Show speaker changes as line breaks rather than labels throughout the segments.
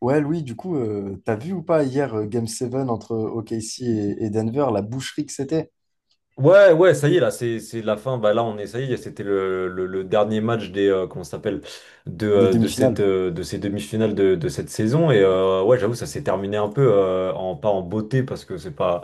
Ouais, Louis, du coup, t'as vu ou pas hier Game 7 entre OKC et Denver, la boucherie que c'était
Ouais, ouais, ça y est, là, c'est la fin. Bah, là, on est, ça y est, c'était le dernier match des, comment ça s'appelle,
des
de cette,
demi-finales?
de ces demi-finales de cette saison. Et ouais, j'avoue, ça s'est terminé un peu, en, pas en beauté, parce que c'est pas,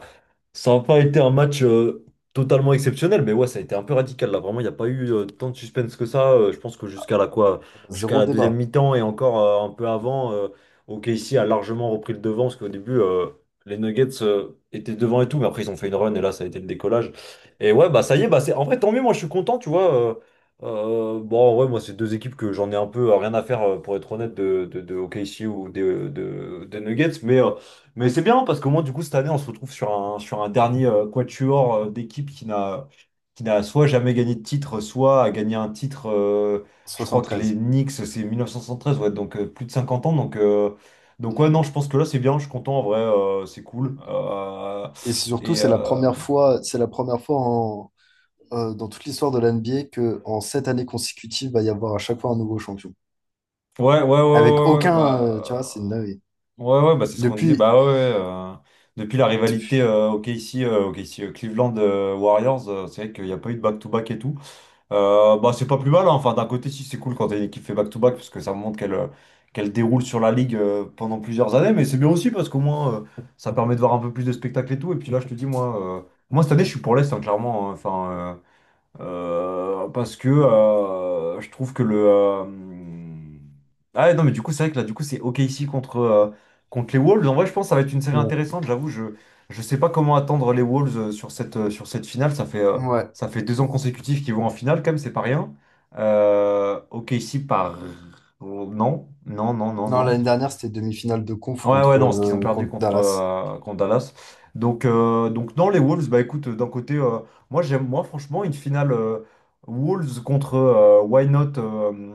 ça n'a pas été un match totalement exceptionnel, mais ouais, ça a été un peu radical là. Vraiment, il n'y a pas eu tant de suspense que ça. Je pense que jusqu'à la quoi,
Ah bah,
jusqu'à
zéro
la deuxième
débat,
mi-temps et encore un peu avant, OKC a largement repris le devant parce qu'au début, les Nuggets étaient devant et tout, mais après ils ont fait une run et là, ça a été le décollage. Et ouais, bah ça y est, bah c'est en vrai tant mieux. Moi, je suis content, tu vois. Bon, ouais, moi, c'est deux équipes que j'en ai un peu rien à faire pour être honnête de OKC ou des Nuggets, mais. Mais c'est bien parce qu'au moins, du coup, cette année, on se retrouve sur un dernier quatuor d'équipe qui n'a soit jamais gagné de titre, soit a gagné un titre. Je crois que les
73.
Knicks, c'est 1973, ouais, donc plus de 50 ans. Donc ouais, non, je pense que là, c'est bien. Je suis content en vrai, c'est cool.
Et surtout,
Et
c'est la
euh,
première fois, dans toute l'histoire de l'NBA que en 7 années consécutives, va y avoir à chaque fois un nouveau champion.
ouais, ouais, ouais,
Avec aucun, tu vois, c'est une dinguerie.
ouais, ouais, bah, c'est ce qu'on disait.
Depuis,
Bah ouais, ouais, depuis la rivalité
depuis-
OKC, OKC, Cleveland Warriors, c'est vrai qu'il n'y a pas eu de back-to-back et tout. Bah, c'est pas plus mal, hein. Enfin, d'un côté, si c'est cool quand t'as une équipe fait back-to-back, parce que ça montre qu'elle déroule sur la ligue pendant plusieurs années, mais c'est bien aussi parce qu'au moins ça permet de voir un peu plus de spectacles et tout. Et puis là, je te dis, moi, moi cette année, je suis pour l'Est, hein, clairement. Hein. Enfin, parce que je trouve que le. Ah ouais, non, mais du coup, c'est vrai que là, du coup, c'est OKC contre, contre les Wolves. En vrai, je pense que ça va être une série
ouais.
intéressante. J'avoue, je sais pas comment attendre les Wolves sur cette, sur cette finale. Ça fait, euh,
Ouais.
ça fait 2 ans consécutifs qu'ils vont en finale, quand même, c'est pas rien. OKC par. Non, non, non, non,
Non,
non.
l'année dernière, c'était demi-finale de conf
Ouais,
contre,
ouais, non, ce qu'ils ont
euh,
perdu
contre
contre,
Dallas.
contre Dallas. Donc, dans les Wolves, bah écoute, d'un côté, moi, j'aime, moi, franchement, une finale Wolves contre Why Not,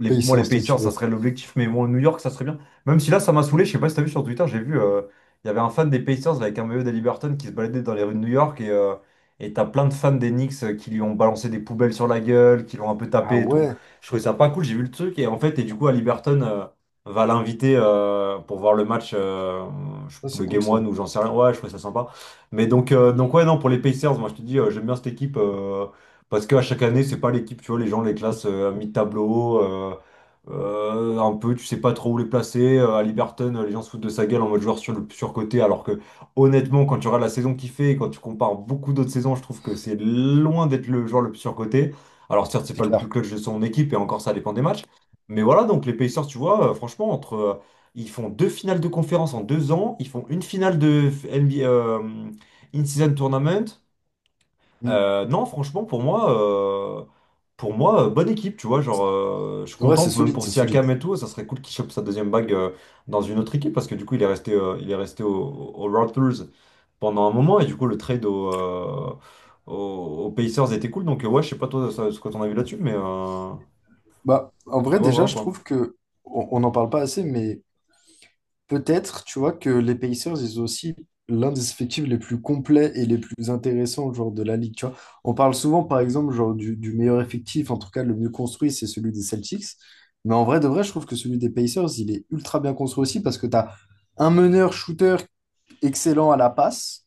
les, moi, les
Pacers, toi, tu
Pacers, ça
veux.
serait l'objectif, mais bon, New York, ça serait bien. Même si là, ça m'a saoulé, je sais pas si t'as vu sur Twitter, j'ai vu, il y avait un fan des Pacers avec un maillot d'Aliberton qui se baladait dans les rues de New York, et t'as plein de fans des Knicks qui lui ont balancé des poubelles sur la gueule, qui l'ont un peu
Ah
tapé et tout.
ouais,
Je trouvais ça pas cool, j'ai vu le truc, et en fait, et du coup, Haliburton va l'inviter pour voir le match,
ouais,
le
c'est cool
Game
ça.
One ou j'en sais rien. Ouais, je trouvais ça sympa. Mais donc ouais, non, pour les Pacers, moi je te dis, j'aime bien cette équipe parce qu'à chaque année, c'est pas l'équipe, tu vois, les gens les classent à mi-tableau. Un peu, tu sais pas trop où les placer. À Liberton, les gens se foutent de sa gueule en mode joueur sur le surcoté, alors que honnêtement, quand tu regardes la saison qu'il fait et quand tu compares beaucoup d'autres saisons, je trouve que c'est loin d'être le joueur le plus surcoté. Alors certes, c'est
C'est
pas le plus
clair.
clutch de son équipe et encore ça dépend des matchs. Mais voilà, donc les Pacers, tu vois, franchement, entre ils font deux finales de conférence en 2 ans, ils font une finale de NBA In-Season Tournament.
Mm.
Non, franchement, pour moi, bonne équipe, tu vois. Genre, je suis
Ouais,
content,
c'est
même
solide,
pour
c'est solide.
Siakam et tout, ça serait cool qu'il chope sa deuxième bague dans une autre équipe parce que du coup, il est resté au Raptors pendant un moment et du coup, le trade aux Pacers était cool. Donc, ouais, je sais pas toi ce que t'en as vu là-dessus, mais, euh,
Bah, en
mais
vrai,
ouais,
déjà,
voilà
je
quoi.
trouve que on n'en parle pas assez, mais peut-être, tu vois, que les Pacers, ils ont aussi l'un des effectifs les plus complets et les plus intéressants, genre, de la ligue, tu vois. On parle souvent, par exemple, genre, du meilleur effectif, en tout cas, le mieux construit, c'est celui des Celtics. Mais en vrai, de vrai, je trouve que celui des Pacers, il est ultra bien construit aussi parce que tu as un meneur-shooter excellent à la passe.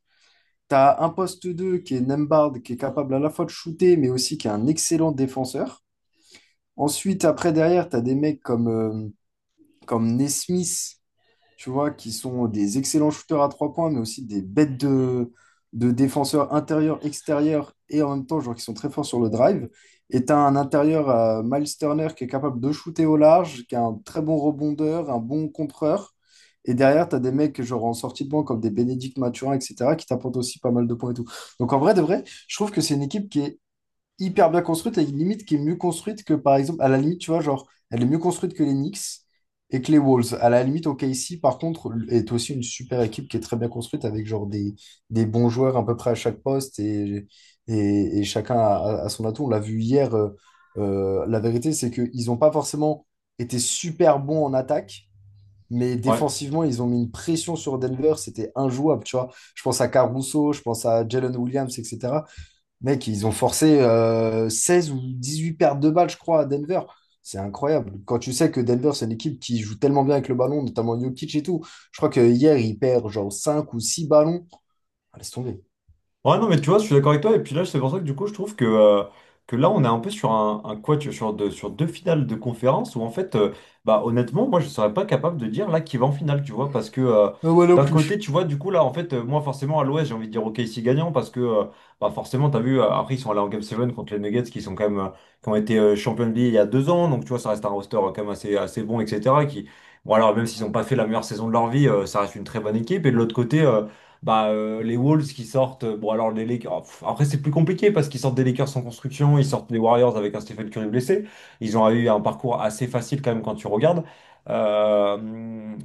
Tu as un poste 2 qui est Nembhard, qui est capable à la fois de shooter, mais aussi qui est un excellent défenseur. Ensuite, après, derrière, tu as des mecs comme comme Nesmith, tu vois, qui sont des excellents shooters à trois points, mais aussi des bêtes de défenseurs intérieurs, extérieurs, et en même temps, genre, qui sont très forts sur le drive. Et tu as un intérieur, Miles Turner, qui est capable de shooter au large, qui a un très bon rebondeur, un bon contreur. Et derrière, tu as des mecs, genre, en sortie de banc, comme des Bénédicte Mathurin, etc., qui t'apportent aussi pas mal de points et tout. Donc, en vrai, de vrai, je trouve que c'est une équipe qui est hyper bien construite et une limite qui est mieux construite que, par exemple, à la limite, tu vois, genre, elle est mieux construite que les Knicks et que les Wolves. À la limite, OKC, par contre, est aussi une super équipe qui est très bien construite avec, genre, des bons joueurs à peu près à chaque poste et chacun a son atout. On l'a vu hier, la vérité, c'est qu'ils n'ont pas forcément été super bons en attaque. Mais
Ouais.
défensivement, ils ont mis une pression sur Denver, c'était injouable, tu vois. Je pense à Caruso, je pense à Jalen Williams, etc. Mec, ils ont forcé 16 ou huit pertes de balles, je crois, à Denver. C'est incroyable. Quand tu sais que Denver, c'est une équipe qui joue tellement bien avec le ballon, notamment Jokic et tout. Je crois que hier, il perd genre 5 ou 6 ballons. Ah, laisse tomber.
Ouais, non, mais tu vois, je suis d'accord avec toi. Et puis là, c'est pour ça que du coup, je trouve que là, on est un peu sur un, sur deux finales de conférence où, en fait, bah, honnêtement, moi, je serais pas capable de dire là qui va en finale, tu vois, parce que
Ah ouais, non
d'un côté,
plus.
tu vois, du coup, là, en fait, moi, forcément, à l'Ouest, j'ai envie de dire ok OKC gagnant parce que, bah, forcément, t'as vu, après, ils sont allés en Game 7 contre les Nuggets qui sont quand même, qui ont été champions de NBA il y a 2 ans, donc, tu vois, ça reste un roster quand même assez, assez bon, etc. Qui, bon, alors, même s'ils n'ont pas fait la meilleure saison de leur vie, ça reste une très bonne équipe. Et de l'autre côté, les Wolves qui sortent, bon alors les Lakers, oh, pff, après c'est plus compliqué parce qu'ils sortent des Lakers sans construction, ils sortent des Warriors avec un Stephen Curry blessé, ils ont eu un parcours assez facile quand même quand tu regardes. Euh,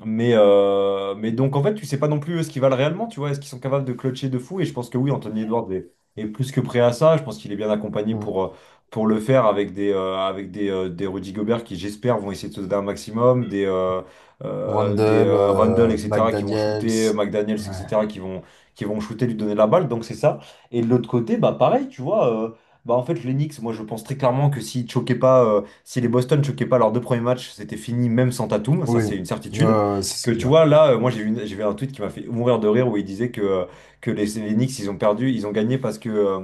mais donc en fait tu sais pas non plus eux, ce qu'ils valent réellement, tu vois, est-ce qu'ils sont capables de clutcher de fou, et je pense que oui, Anthony Edwards est plus que prêt à ça, je pense qu'il est bien accompagné
Ouais.
pour le faire avec des Rudy Gobert qui, j'espère, vont essayer de se donner un maximum, des
Randle,
Rundle, etc., qui vont
McDaniels.
shooter, McDaniels,
Ouais.
etc., qui vont shooter, lui donner la balle. Donc c'est ça. Et de l'autre côté, bah pareil, tu vois, bah en fait, les Knicks, moi je pense très clairement que s'ils choquaient pas, si les Boston choquaient pas leurs deux premiers matchs, c'était fini même sans Tatum, ça
Oui,
c'est une
ouais,
certitude.
ouais, ça,
Que
c'est
tu
clair.
vois, là, moi j'ai vu, j'ai vu un tweet qui m'a fait mourir de rire où il disait que les Knicks, ils ont perdu, ils ont gagné parce que.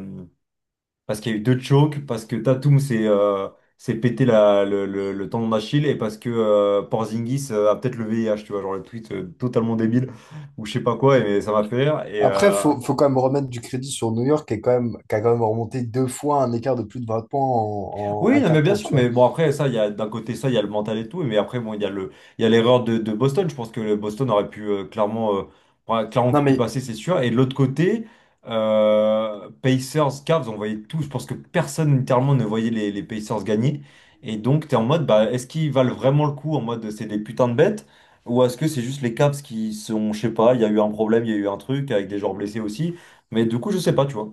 Parce qu'il y a eu deux chokes, parce que Tatum s'est pété le tendon d'Achille et parce que Porzingis a peut-être le VIH, tu vois, genre le tweet totalement débile ou je sais pas quoi, et ça m'a fait rire.
Après, faut quand même remettre du crédit sur New York qui, est quand même, qui a quand même remonté deux fois un écart de plus de 20 points en
Oui,
un
non, mais bien
carton,
sûr,
tu vois.
mais bon, après, ça, il y a d'un côté ça, il y a le mental et tout, mais après, bon, il y a l'erreur de Boston. Je pense que le Boston aurait pu clairement, ouais, clairement
Non,
pu
mais
passer, c'est sûr. Et de l'autre côté, Pacers, Cavs, on voyait tout. Je pense que personne, littéralement, ne voyait les Pacers gagner. Et donc, t'es en mode, bah, est-ce qu'ils valent vraiment le coup en mode c'est des putains de bêtes? Ou est-ce que c'est juste les Cavs qui sont, je sais pas, il y a eu un problème, il y a eu un truc avec des joueurs blessés aussi. Mais du coup, je sais pas, tu vois.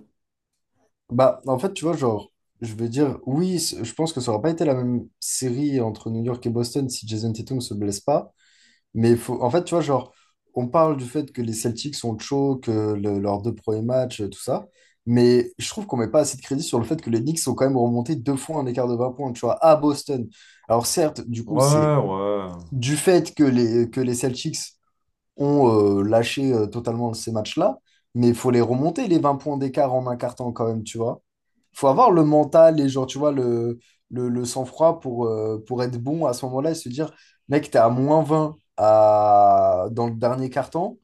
bah, en fait, tu vois, genre, je veux dire, oui, je pense que ça aurait pas été la même série entre New York et Boston si Jason Tatum se blesse pas. Mais il faut, en fait, tu vois, genre, on parle du fait que les Celtics sont chauds, que leurs deux premiers matchs, tout ça. Mais je trouve qu'on met pas assez de crédit sur le fait que les Knicks sont quand même remontés deux fois un écart de 20 points, tu vois, à Boston. Alors, certes, du coup, c'est
Ouais, ouais.
du fait que que les Celtics ont lâché totalement ces matchs-là, mais il faut les remonter, les 20 points d'écart en un quart temps quand même, tu vois faut avoir le mental et genre, tu vois, le sang-froid pour être bon à ce moment-là et se dire, mec, t'es à moins 20 à... dans le dernier carton.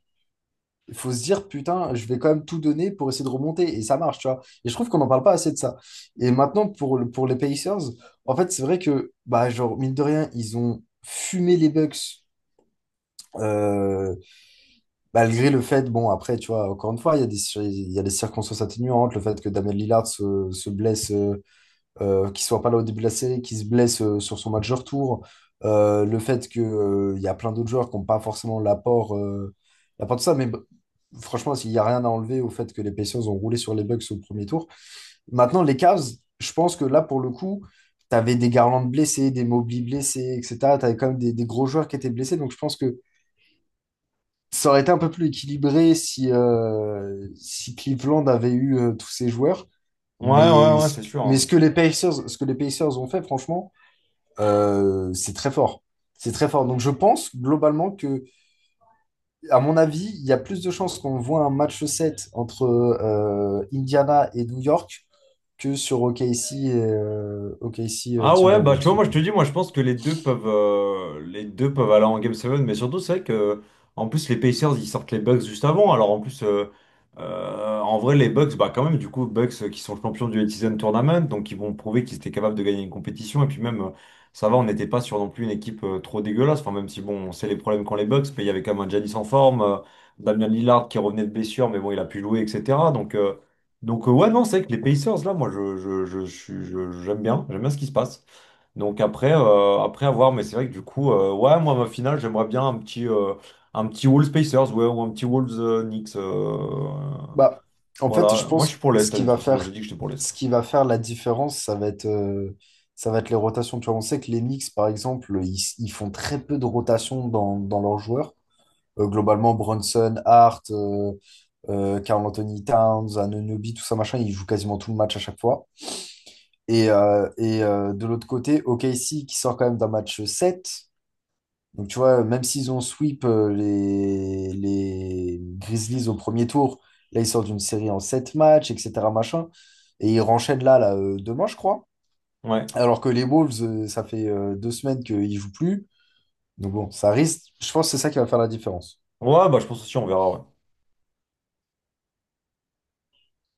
Il faut se dire, putain, je vais quand même tout donner pour essayer de remonter. Et ça marche, tu vois. Et je trouve qu'on n'en parle pas assez de ça. Et maintenant, pour, pour les Pacers, en fait, c'est vrai que, bah, genre, mine de rien, ils ont fumé les Bucks. euh, Malgré le fait, bon, après, tu vois, encore une fois, il y a des circonstances atténuantes, le fait que Damien Lillard se blesse. Qu'il soit pas là au début de la série, qu'il se blesse sur son match de retour, le fait que, il y a plein d'autres joueurs qui n'ont pas forcément l'apport de ça, mais bah, franchement, il n'y a rien à enlever au fait que les Pacers ont roulé sur les Bucks au premier tour. Maintenant, les Cavs, je pense que là, pour le coup, tu avais des Garland blessés, des Mobley blessés, etc. Tu avais quand même des gros joueurs qui étaient blessés, donc je pense que ça aurait été un peu plus équilibré si, si Cleveland avait eu tous ces joueurs.
Ouais,
Mais
ouais, ouais,
ce,
c'est sûr.
mais ce
Hein.
que les Pacers, ce que les Pacers ont fait, franchement, c'est très fort. C'est très fort. Donc je pense globalement que, à mon avis, il y a plus de chances qu'on voit un match 7 entre Indiana et New York que sur OKC OKC,
Ah ouais, bah tu
Timberwolves.
vois, moi je te dis, moi je pense que les deux peuvent aller en Game 7, mais surtout c'est vrai que en plus les Pacers ils sortent les Bucks juste avant, alors en plus en vrai les Bucks, bah quand même du coup Bucks qui sont champions du Elite Tournament, donc ils vont prouver qu'ils étaient capables de gagner une compétition, et puis même ça va, on n'était pas sur non plus une équipe trop dégueulasse, enfin même si bon on sait les problèmes qu'ont les Bucks, mais il y avait quand même un Giannis en forme, Damian Lillard qui revenait de blessure, mais bon il a pu jouer, etc. Ouais non c'est vrai que les Pacers là, moi je suis- je- j'aime bien ce qui se passe. Donc après, mais c'est vrai que du coup, ouais, moi, ma finale, j'aimerais bien un petit Wolves Pacers, ouais, ou un petit Wolves Knicks.
Bah, en fait, je
Voilà, moi, je
pense que
suis pour
ce
l'Est, hein,
qui
de toute
va
façon, moi, j'ai
faire,
dit que j'étais pour l'Est.
ce qui va faire la différence, ça va être les rotations. Tu vois, on sait que les Knicks, par exemple, ils font très peu de rotations dans leurs joueurs. Globalement, Brunson, Hart, Karl Anthony Towns, Anunoby, tout ça, machin, ils jouent quasiment tout le match à chaque fois. Et, de l'autre côté, OKC qui sort quand même d'un match 7. Donc tu vois, même s'ils ont sweep les Grizzlies au premier tour, là ils sortent d'une série en 7 matchs, etc. Machin, et ils renchaînent là, demain, je crois.
Ouais.
Alors que les Wolves, ça fait 2 semaines qu'ils jouent plus. Donc bon, ça risque, je pense que c'est ça qui va faire la différence.
Ouais, bah, je pense aussi, on verra, ouais.